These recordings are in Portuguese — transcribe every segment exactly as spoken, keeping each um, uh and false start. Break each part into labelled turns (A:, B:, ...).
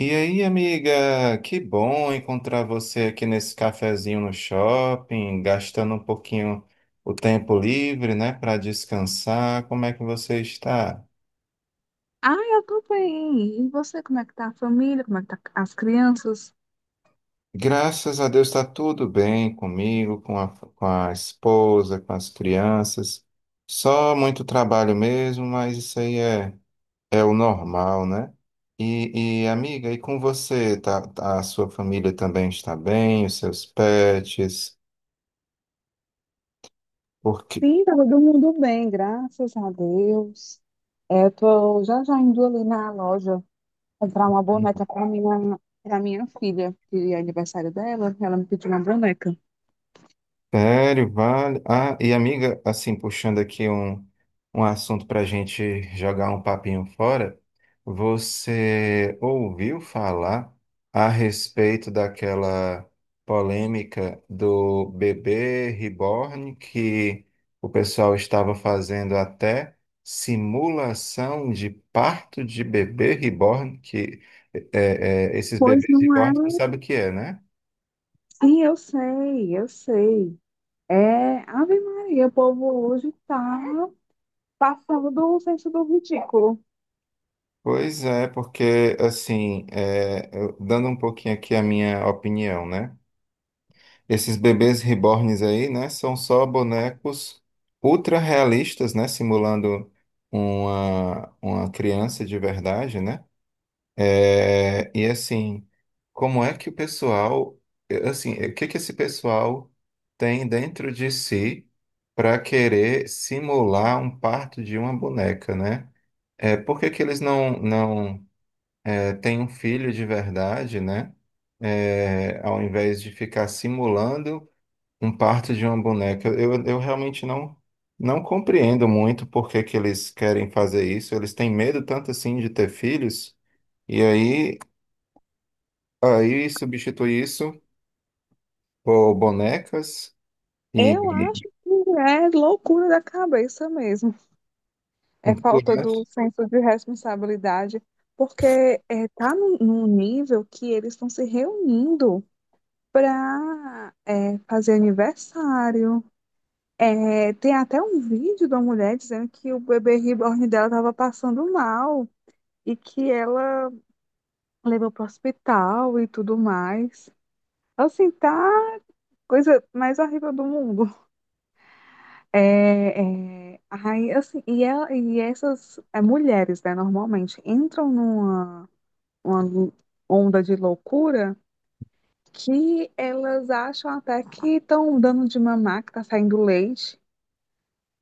A: E aí, amiga, que bom encontrar você aqui nesse cafezinho no shopping, gastando um pouquinho o tempo livre, né, para descansar. Como é que você está?
B: Ah, eu tô bem. E você, como é que tá a família? Como é que tá as crianças?
A: Graças a Deus está tudo bem comigo, com a, com a esposa, com as crianças. Só muito trabalho mesmo, mas isso aí é, é o normal, né? E, e amiga, e com você? Tá, tá- a sua família também está bem? Os seus pets? Porque
B: Sim, tá todo mundo bem, graças a Deus. É, eu tô já já indo ali na loja comprar uma boneca para minha, para minha filha, que é aniversário dela, ela me pediu uma boneca.
A: sério, vale. Ah, e amiga, assim, puxando aqui um, um assunto para a gente jogar um papinho fora, você ouviu falar a respeito daquela polêmica do bebê reborn que o pessoal estava fazendo até simulação de parto de bebê reborn, que é, é, esses
B: Pois
A: bebês
B: não é?
A: reborn, tu sabe o que é, né?
B: Sim, eu sei, eu sei. É, Ave Maria, o povo hoje tá passando do senso do ridículo.
A: Pois é, porque assim, é, eu- dando um pouquinho aqui a minha opinião, né? Esses bebês reborns aí, né, são só bonecos ultra realistas, né, simulando uma, uma criança de verdade, né? É, e assim, como é que o pessoal, assim, o que que esse pessoal tem dentro de si para querer simular um parto de uma boneca, né? É, por que que eles não, não tem um filho de verdade, né? É, ao invés de ficar simulando um parto de uma boneca. Eu, eu realmente não, não compreendo muito por que que eles querem fazer isso. Eles têm medo tanto assim de ter filhos, e aí, aí substitui isso por bonecas e
B: Eu acho que é loucura da cabeça mesmo.
A: e
B: É
A: tudo
B: falta do
A: mais.
B: senso de responsabilidade, porque é, tá num, num nível que eles estão se reunindo para fazer aniversário. É, tem até um vídeo da mulher dizendo que o bebê reborn dela estava passando mal e que ela levou para o hospital e tudo mais. Assim, tá coisa mais horrível do mundo. É, é, aí, assim, e, ela, e essas é, mulheres, né, normalmente entram numa uma onda de loucura que elas acham até que estão dando de mamar, que tá saindo leite.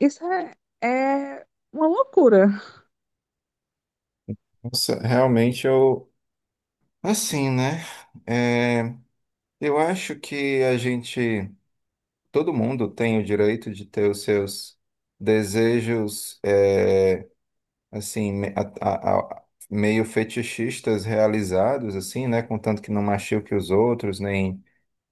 B: Isso é, é uma loucura.
A: Nossa, realmente eu. Assim, né? É, eu acho que a gente. Todo mundo tem o direito de ter os seus desejos, é, assim, me- a- a- a- meio fetichistas realizados, assim, né? Contanto que não machuque os outros, nem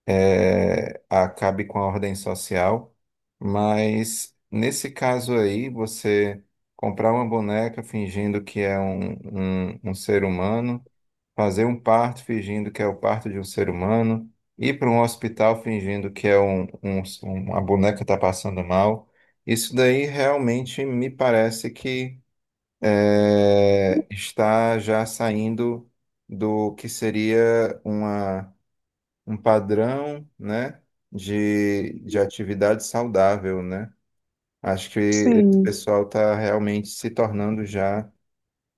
A: é, acabe com a ordem social. Mas nesse caso aí, você comprar uma boneca fingindo que é um, um um ser humano fazer um parto fingindo que é o parto de um ser humano, ir para um hospital fingindo que é um, um, uma boneca está passando mal. Isso daí realmente me parece que é, está já saindo do que seria uma, um padrão, né, de, de atividade saudável, né? Acho que esse
B: Sim.
A: pessoal está realmente se tornando já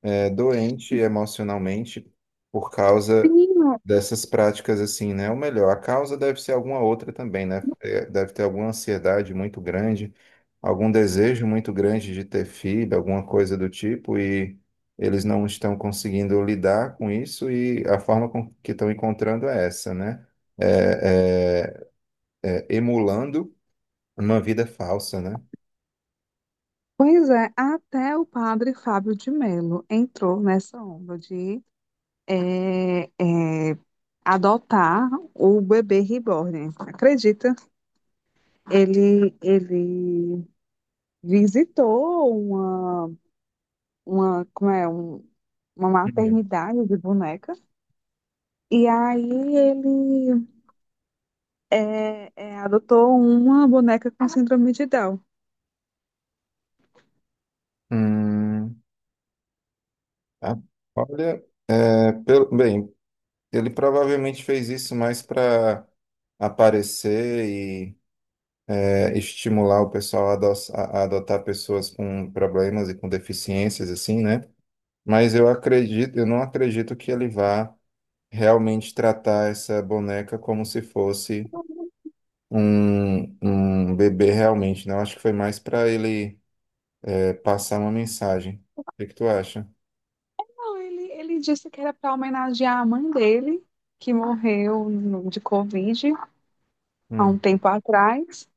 A: é doente emocionalmente por causa
B: Menino,
A: dessas práticas assim, né? Ou melhor, a causa deve ser alguma outra também, né? É, deve ter alguma ansiedade muito grande, algum desejo muito grande de ter filho, alguma coisa do tipo, e eles não estão conseguindo lidar com isso e a forma com que estão encontrando é essa, né? É, é, é, emulando uma vida falsa, né?
B: pois é, até o padre Fábio de Mello entrou nessa onda de é, é, adotar o bebê reborn. Acredita? Ele, ele visitou uma, uma, como é, um- uma
A: Uhum.
B: maternidade de bonecas. E aí ele é, é, adotou uma boneca com síndrome de Down.
A: Hum, a- olha, é, pelo- bem, ele provavelmente fez isso mais para aparecer e é, estimular o pessoal a, adoç- a- a adotar pessoas com problemas e com deficiências, assim, né? Mas eu acredito, eu não acredito que ele vá realmente tratar essa boneca como se fosse um, um bebê realmente, né? Eu acho que foi mais para ele é, passar uma mensagem. O que que tu acha?
B: Não, ele, ele disse que era para homenagear a mãe dele, que morreu no- de Covid há
A: Hum,
B: um tempo atrás.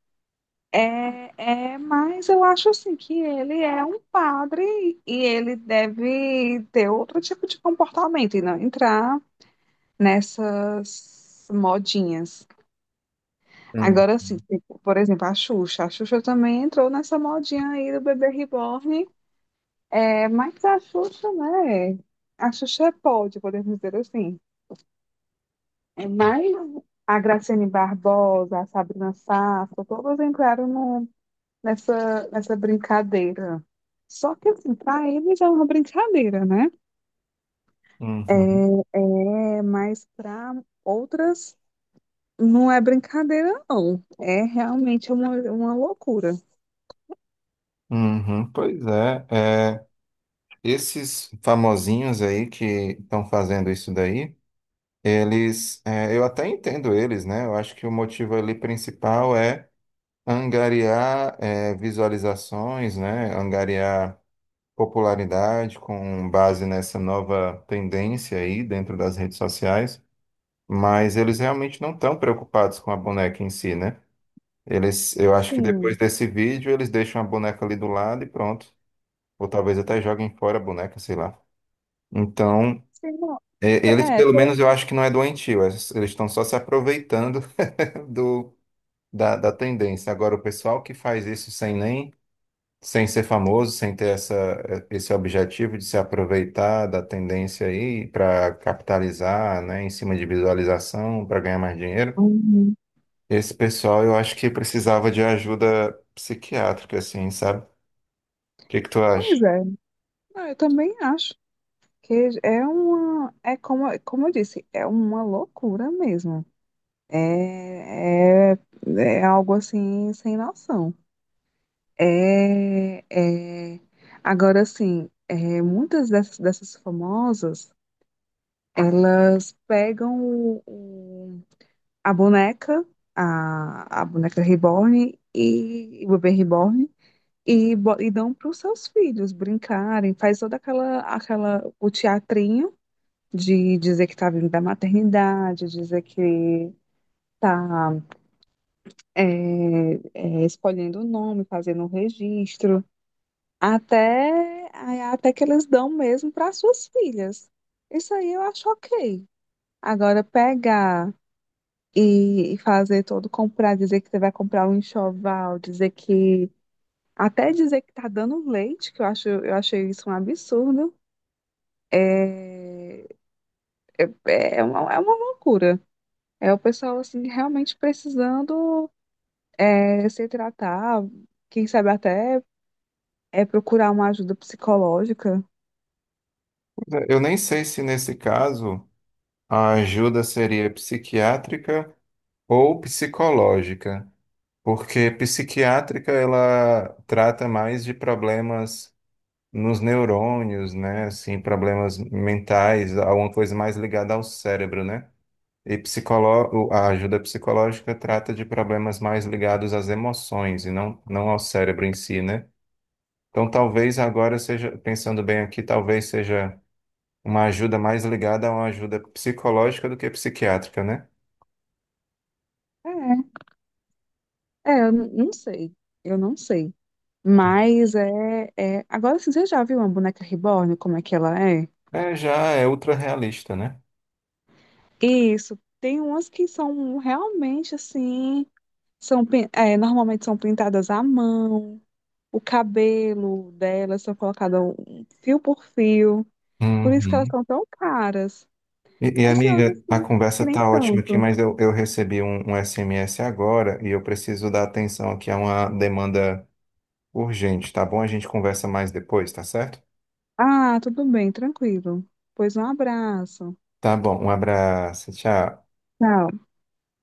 B: É, é, mas eu acho assim que ele é um padre e ele deve ter outro tipo de comportamento e não entrar nessas modinhas.
A: hum,
B: Agora, assim, tipo, por exemplo, a Xuxa. A Xuxa também entrou nessa modinha aí do bebê reborn. É mais a Xuxa, né? A Xuxa é pode, podemos dizer assim. É mais a Graciane Barbosa, a Sabrina Sato, todas entraram no- nessa, nessa brincadeira. Só que, assim, para eles é uma brincadeira, né?
A: uhum,
B: É, é, mas para outras não é brincadeira, não. É realmente uma, uma loucura.
A: uhum. Pois é. Esses famosinhos aí que estão fazendo isso daí, eles, é, eu até entendo eles, né? Eu acho que o motivo ali principal é angariar, é, visualizações, né? Angariar popularidade com base nessa nova tendência aí dentro das redes sociais, mas eles realmente não estão preocupados com a boneca em si, né? Eles, eu acho que depois
B: Sim.
A: desse vídeo eles deixam a boneca ali do lado e pronto. Ou talvez até joguem fora a boneca, sei lá. Então,
B: Sim, não.
A: E- eles,
B: É,
A: pelo menos,
B: tem.
A: eu acho que não é doentio, eles eles estão só se aproveitando do, da, da tendência. Agora, o pessoal que faz isso sem nem, sem ser famoso, sem ter essa, esse objetivo de se aproveitar da tendência aí para capitalizar, né, em cima de visualização, para ganhar mais dinheiro,
B: Uhum.
A: esse pessoal eu acho que precisava de ajuda psiquiátrica, assim, sabe? O que que tu acha?
B: Pois é. Não, eu também acho. Que é uma, é como, como eu disse, é uma loucura mesmo. É, é, é algo assim sem noção. É, é, agora assim, é, muitas dessas, dessas famosas, elas pegam o- o- a boneca, a, a boneca reborn e o bebê reborn e, bo- e dão para os seus filhos brincarem, faz toda aquela, aquela, o teatrinho de dizer que está vindo da maternidade, dizer que está é, é, escolhendo o nome, fazendo o registro, até, até que eles dão mesmo para suas filhas. Isso aí eu acho ok. Agora, pegar e, e fazer todo comprar, dizer que você vai comprar um enxoval, dizer que. Até dizer que tá dando leite, que eu acho, eu achei isso um absurdo. É, é uma, é uma loucura. É o pessoal assim realmente precisando é, se tratar, quem sabe até é procurar uma ajuda psicológica.
A: Pois é, eu nem sei se nesse caso a ajuda seria psiquiátrica ou psicológica. Porque psiquiátrica ela trata mais de problemas nos neurônios, né? Assim, problemas mentais, alguma coisa mais ligada ao cérebro, né? E psicolo... o- a ajuda psicológica trata de problemas mais ligados às emoções e não, não ao cérebro em si, né? Então, talvez agora seja, pensando bem aqui, talvez seja uma ajuda mais ligada a uma ajuda psicológica do que psiquiátrica, né?
B: É, é, eu n- não sei, eu não sei. Mas é, é... Agora, assim, você já viu uma boneca reborn, como é que ela é?
A: É, já é ultra realista, né?
B: Isso, tem umas que são realmente assim, são, pin- é, normalmente são pintadas à mão, o cabelo delas são colocadas um- fio por fio, por isso que elas
A: Uhum.
B: são tão caras.
A: E, e,
B: Mas tem outras
A: amiga, a
B: coisas que
A: conversa
B: nem
A: tá ótima aqui,
B: tanto.
A: mas eu, eu recebi um, um S M S agora e eu preciso dar atenção aqui a uma demanda urgente, tá bom? A gente conversa mais depois, tá certo?
B: Ah, tudo bem, tranquilo. Pois um abraço.
A: Tá bom, um abraço, tchau.
B: Tchau.